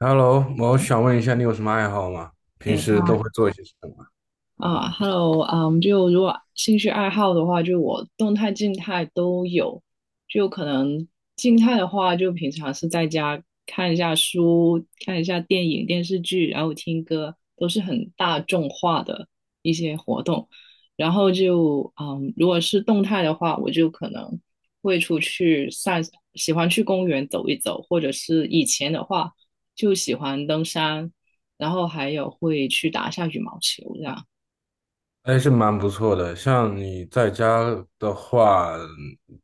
Hello，我想问一下，你有什么爱好吗？平对，时都哇，会做一些什么？啊 ，Hello，嗯，就如果兴趣爱好的话，就我动态、静态都有。就可能静态的话，就平常是在家看一下书、看一下电影、电视剧，然后听歌，都是很大众化的一些活动。然后就，如果是动态的话，我就可能会出去散，喜欢去公园走一走，或者是以前的话，就喜欢登山，然后还有会去打一下羽毛球这样。还是蛮不错的。像你在家的话，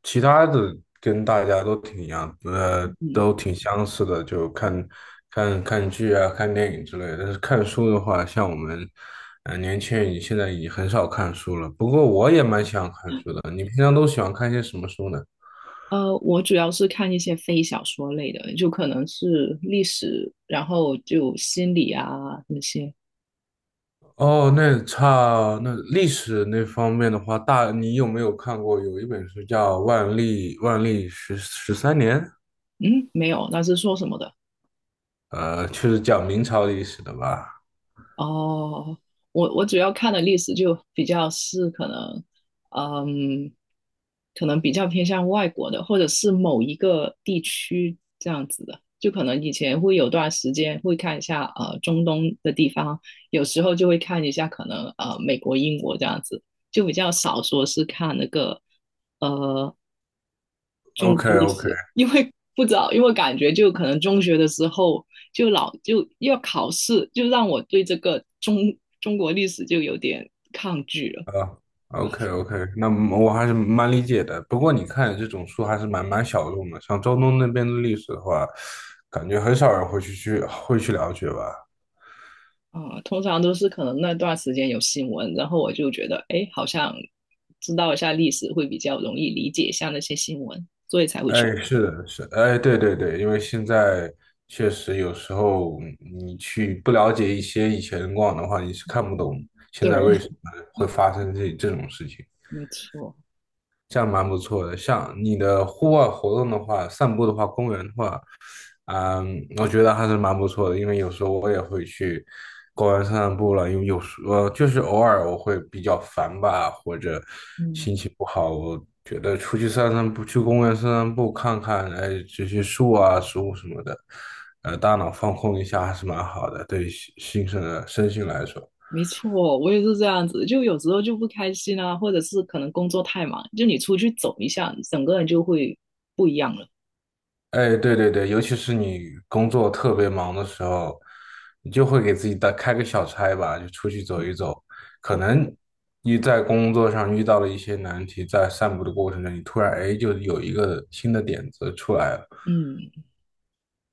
其他的跟大家都挺一样，嗯，都挺相似的，就看看剧啊、看电影之类的。但是看书的话，像我们，年轻人现在已经很少看书了。不过我也蛮喜欢看书的。你平常都喜欢看些什么书呢？呃，我主要是看一些非小说类的，就可能是历史，然后就心理啊那些。哦，那历史那方面的话，大你有没有看过有一本书叫《万历十三年》？嗯，没有，那是说什么的？就是讲明朝历史的吧哦，我主要看的历史就比较是可能，嗯，可能比较偏向外国的，或者是某一个地区这样子的。就可能以前会有段时间会看一下中东的地方，有时候就会看一下可能美国、英国这样子，就比较少说是看那个呃中？OK 国历 OK 史，因为不知道，因为感觉就可能中学的时候就老就要考试，就让我对这个中国历史就有点抗拒了。啊，OK OK，那么我还是蛮理解的。不过你看这种书还是蛮小众的，像中东那边的历史的话，感觉很少人会去了解吧。啊、通常都是可能那段时间有新闻，然后我就觉得，哎，好像知道一下历史会比较容易理解一下那些新闻，所以才会去。哎，是的，是，哎，对对对，因为现在确实有时候你去不了解一些以前的过往的话，你是看不懂现在为对，什么会发生这种事情。没错。这样蛮不错的。像你的户外活动的话，散步的话，公园的话，嗯，我觉得还是蛮不错的。因为有时候我也会去公园散散步了，因为有时就是偶尔我会比较烦吧，或者嗯。心情不好，我觉得出去散散步，去公园散散步，看看哎这些树啊、植物什么的，大脑放空一下还是蛮好的，对于心身的身心来说。没错，我也是这样子，就有时候就不开心啊，或者是可能工作太忙，就你出去走一下，整个人就会不一样了。哎，对对对，尤其是你工作特别忙的时候，你就会给自己打开个小差吧，就出去走一走。可能你在工作上遇到了一些难题，在散步的过程中，你突然哎就有一个新的点子出来了。嗯。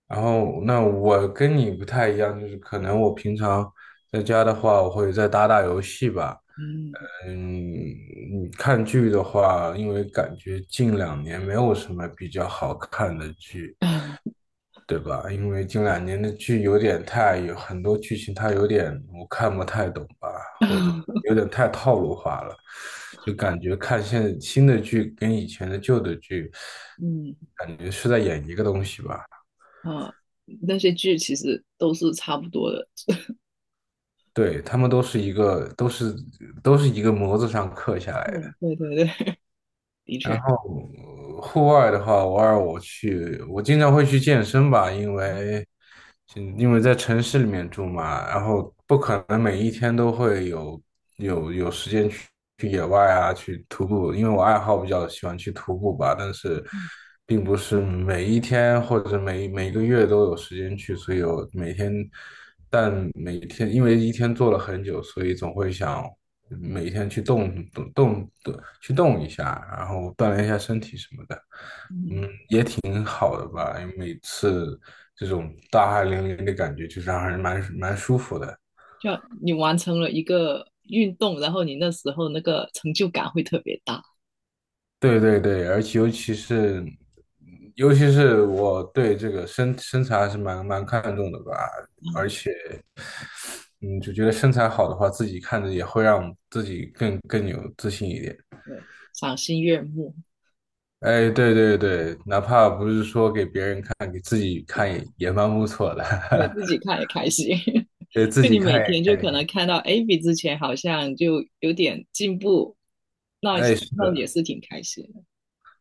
然后，那我跟你不太一样，就是可能我平常在家的话，我会再打打游戏吧。嗯。 嗯，你看剧的话，因为感觉近两年没有什么比较好看的剧。对吧？因为近两年的剧有点太，有很多剧情它有点我看不太懂吧，或者 有点太套路化了，就感觉看现在新的剧跟以前的旧的剧，嗯感觉是在演一个东西吧。啊，那些剧其实都是差不多的。对，他们都是一个，都是一个模子上刻下来的。对，对对对，的然确。后呃户外的话，偶尔我去，我经常会去健身吧，因为嗯因为在城市里面住嘛，然后不可能每一天都会有有时间去去野外啊，去徒步，因为我爱好比较喜欢去徒步吧，但是嗯。并不是每一天或者每个月都有时间去，所以我每天，但每天因为一天做了很久，所以总会想。每天去动动动动去动一下，然后锻炼一下身体什么的，嗯。很好的吧？因为每次这种大汗淋漓的感觉，就是让人蛮舒服的。就你完成了一个运动，然后你那时候那个成就感会特别大。对对对，而且尤其是，尤其是我对这个身材还是蛮看重的吧，嗯，就觉得身材好的话，自己看着也会让自己更有自信一点。对，赏心悦目。哎，对对对，哪怕不是说给别人看，给自己对，看也也蛮不错的。对自 己看也开心。给自就你己每看一天就可看。能看到，哎，比之前好像就有点进步，那哎，是那也的，是挺开心的。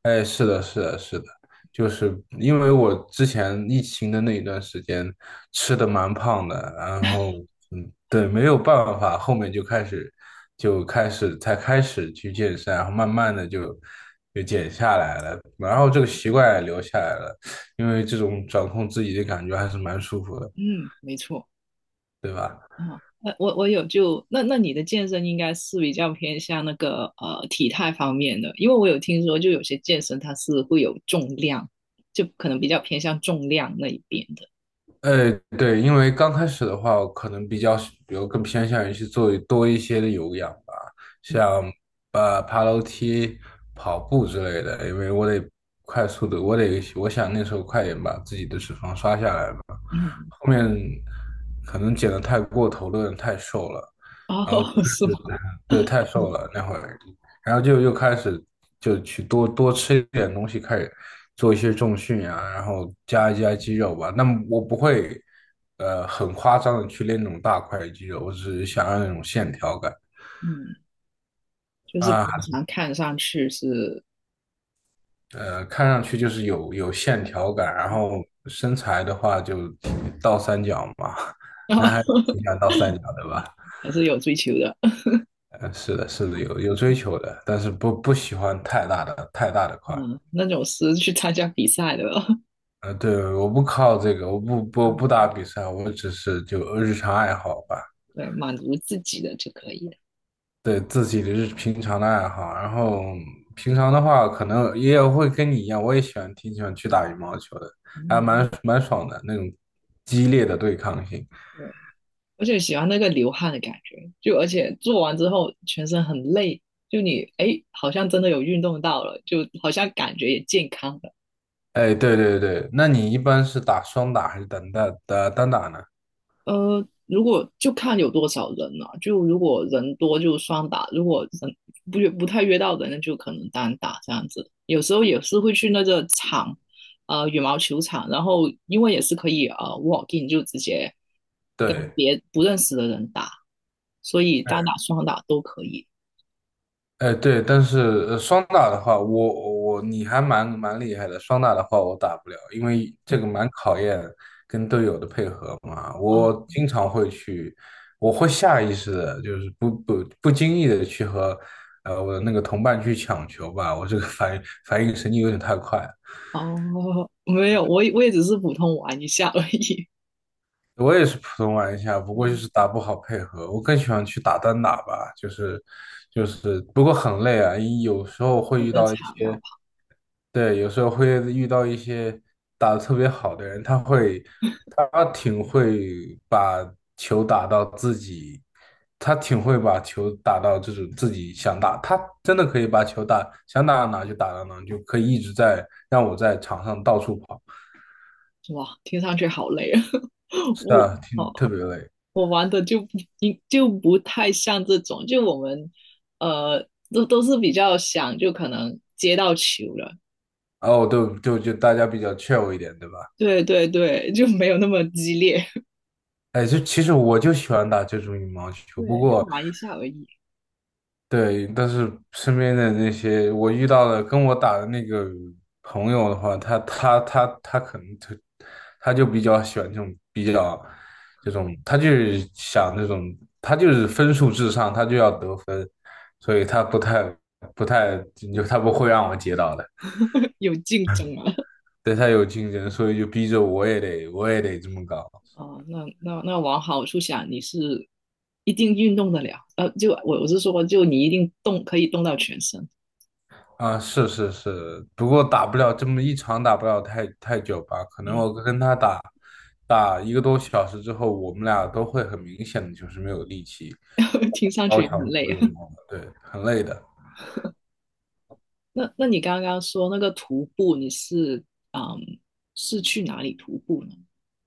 哎，是的，是的，是的，就是因为我之前疫情的那一段时间吃的蛮胖的，然后嗯，对，没有办法，后面就开始就开始才开始去健身，然后慢慢的就减下来了，然后这个习惯也留下来了，因为这种掌控自己的感觉还是蛮舒服的，嗯，没错。对吧？哦，那我有就那你的健身应该是比较偏向那个体态方面的，因为我有听说就有些健身它是会有重量，就可能比较偏向重量那一边的。呃，对，因为刚开始的话，我可能比较喜，比如更偏向于去做多一些的有氧吧，嗯。像呃爬楼梯、跑步之类的，因为我得快速的，我想那时候快点把自己的脂肪刷下来嘛。嗯。后面可能减的太过头了，有点太瘦了，哦，是吗？对，太瘦了那会儿，然后就又开始就去多多吃一点东西，开始做一些重训呀啊，然后加一加肌肉吧。那么我不会，呃，很夸张的去练那种大块的肌肉，我只是想要那种线条感嗯，就是啊，平常看上去是，看上去就是有线条感，然后 身材的话就倒三角嘛，然后男孩子挺喜欢倒三角的吧？还是有追求的。是的，是的，有追求的，但是不喜欢太大的块。嗯，那种是去参加比赛的了。对，我不靠这个，我不 打比赛，我只是就日常爱好吧，对，满足自己的就可以了。对自己的平常的爱好。然后平常的话，可能也有会跟你一样，我也喜欢挺喜欢去打羽毛球的，还嗯。蛮爽的那种激烈的对抗性。对。而且喜欢那个流汗的感觉，就而且做完之后全身很累，就你哎，好像真的有运动到了，就好像感觉也健康了。哎，对对对，那你一般是打双打还是单打呢？呃，如果就看有多少人了、就如果人多就双打，如果人不约不太约到人，那就可能单打这样子。有时候也是会去那个场，呃，羽毛球场，然后因为也是可以walk in，就直接跟对。别不认识的人打，所以单打双打都可以。哎，对，但是双打的话，我你还蛮厉害的。双打的话，我打不了，因为这个蛮考验跟队友的配合嘛。啊。我经常会去，我会下意识的，就是不经意的去和呃我的那个同伴去抢球吧。我这个反应神经有点太快了，哦，没有，我也只是普通玩一下而已我也是普通玩家，不过就啊，是打不好配合。我更喜欢去打单打吧，就是不过很累啊。有时候会很遇正到一常。然后些。对，有时候会遇到一些打得特别好的人，他会，他挺会把球打到自己，他挺会把球打到这种自己想打，他真的可以把球打，想打到哪就打到哪，就可以一直在让我在场上到处跑。哇，听上去好累啊！是我啊，挺哦，特别累。我玩的就不太像这种，就我们呃都是比较想就可能接到球了。哦，对，就大家比较 chill 一点，对吧？对对对，就没有那么激烈。哎，就其实我就喜欢打这种羽毛 球，不对，就过。玩一下而已。对，但是身边的那些我遇到的跟我打的那个朋友的话，他可能就他就比较喜欢这种，他就是想这种，他就是分数至上，他就要得分，所以他不太就他不会让我接到的，有竞争啊。对他有竞争，所以就逼着我也得这么搞。哦，那往好处想，你是一定运动得了，就我是说，就你一定动可以动到全身。啊，是是是，不过打不了这么一场，打不了太久吧？可能嗯。我跟他打一个多小时之后，我们俩都会很明显的就是没有力气，听上去高也强很累度啊。运动了，对，很累的。那你刚刚说那个徒步，你是嗯是去哪里徒步呢？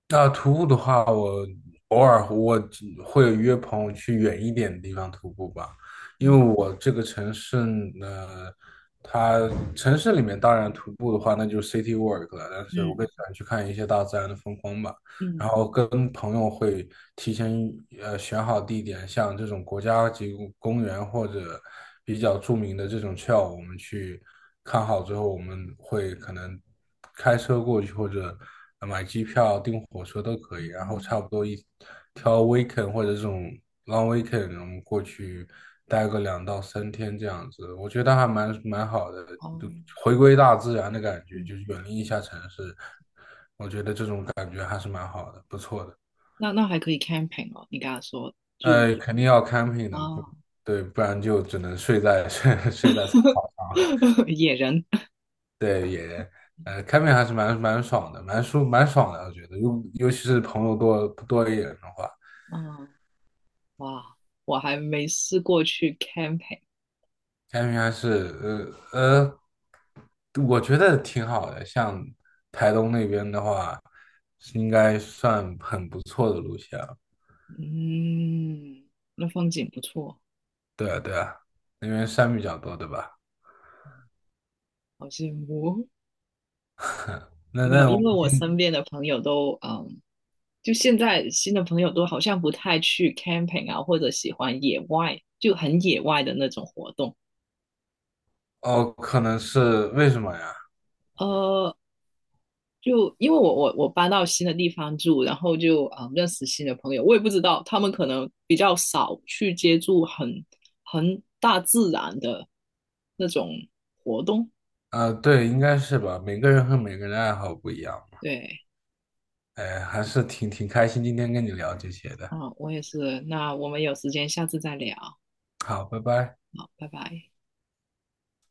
那徒步的话，我偶尔只会约朋友去远一点的地方徒步吧，因为嗯。我这个城市呢，它城市里面当然徒步的话，那就是 city walk 了，但是我更喜嗯。欢去看一些大自然的风光吧。然嗯。后跟朋友会提前选好地点，像这种国家级公园或者比较著名的这种 trail，我们去看好之后，我们会可能开车过去或者买机票、订火车都可以，然后差嗯。不多一挑 weekend 或者这种 long weekend，我们过去待个两到三天这样子，我觉得还蛮好的，哦。就嗯回归大自然的感觉，就是远离一下城市。我觉得这种感觉还是蛮好的，不错的。那那还可以 camping 哦。你刚刚说就肯定要 camping 的，不，啊 对，不然就只能睡在 睡在草 野人对也camping 还是蛮爽的，蛮爽的，我觉得，尤其是朋友多一点的话啊哇，我还没试过去 camping。，camping 还是呃呃，我觉得挺好的。像台东那边的话，是应该算很不错的路线了。嗯，那风景不错。对啊，对啊，那边山比较多，对吧？好羡慕哦。那没有，那因我为我身边的朋友都就现在新的朋友都好像不太去 camping 啊，或者喜欢野外，就很野外的那种活动。哦，可能是为什么呀？呃，就因为我搬到新的地方住，然后就啊、认识新的朋友，我也不知道他们可能比较少去接触很大自然的那种活动。啊，对，应该是吧。每个人和每个人的爱好不一样嘛。对，哎，还是挺开心，今天跟你聊这些的。啊、我也是。那我们有时间下次再聊。好，拜拜。好，拜拜。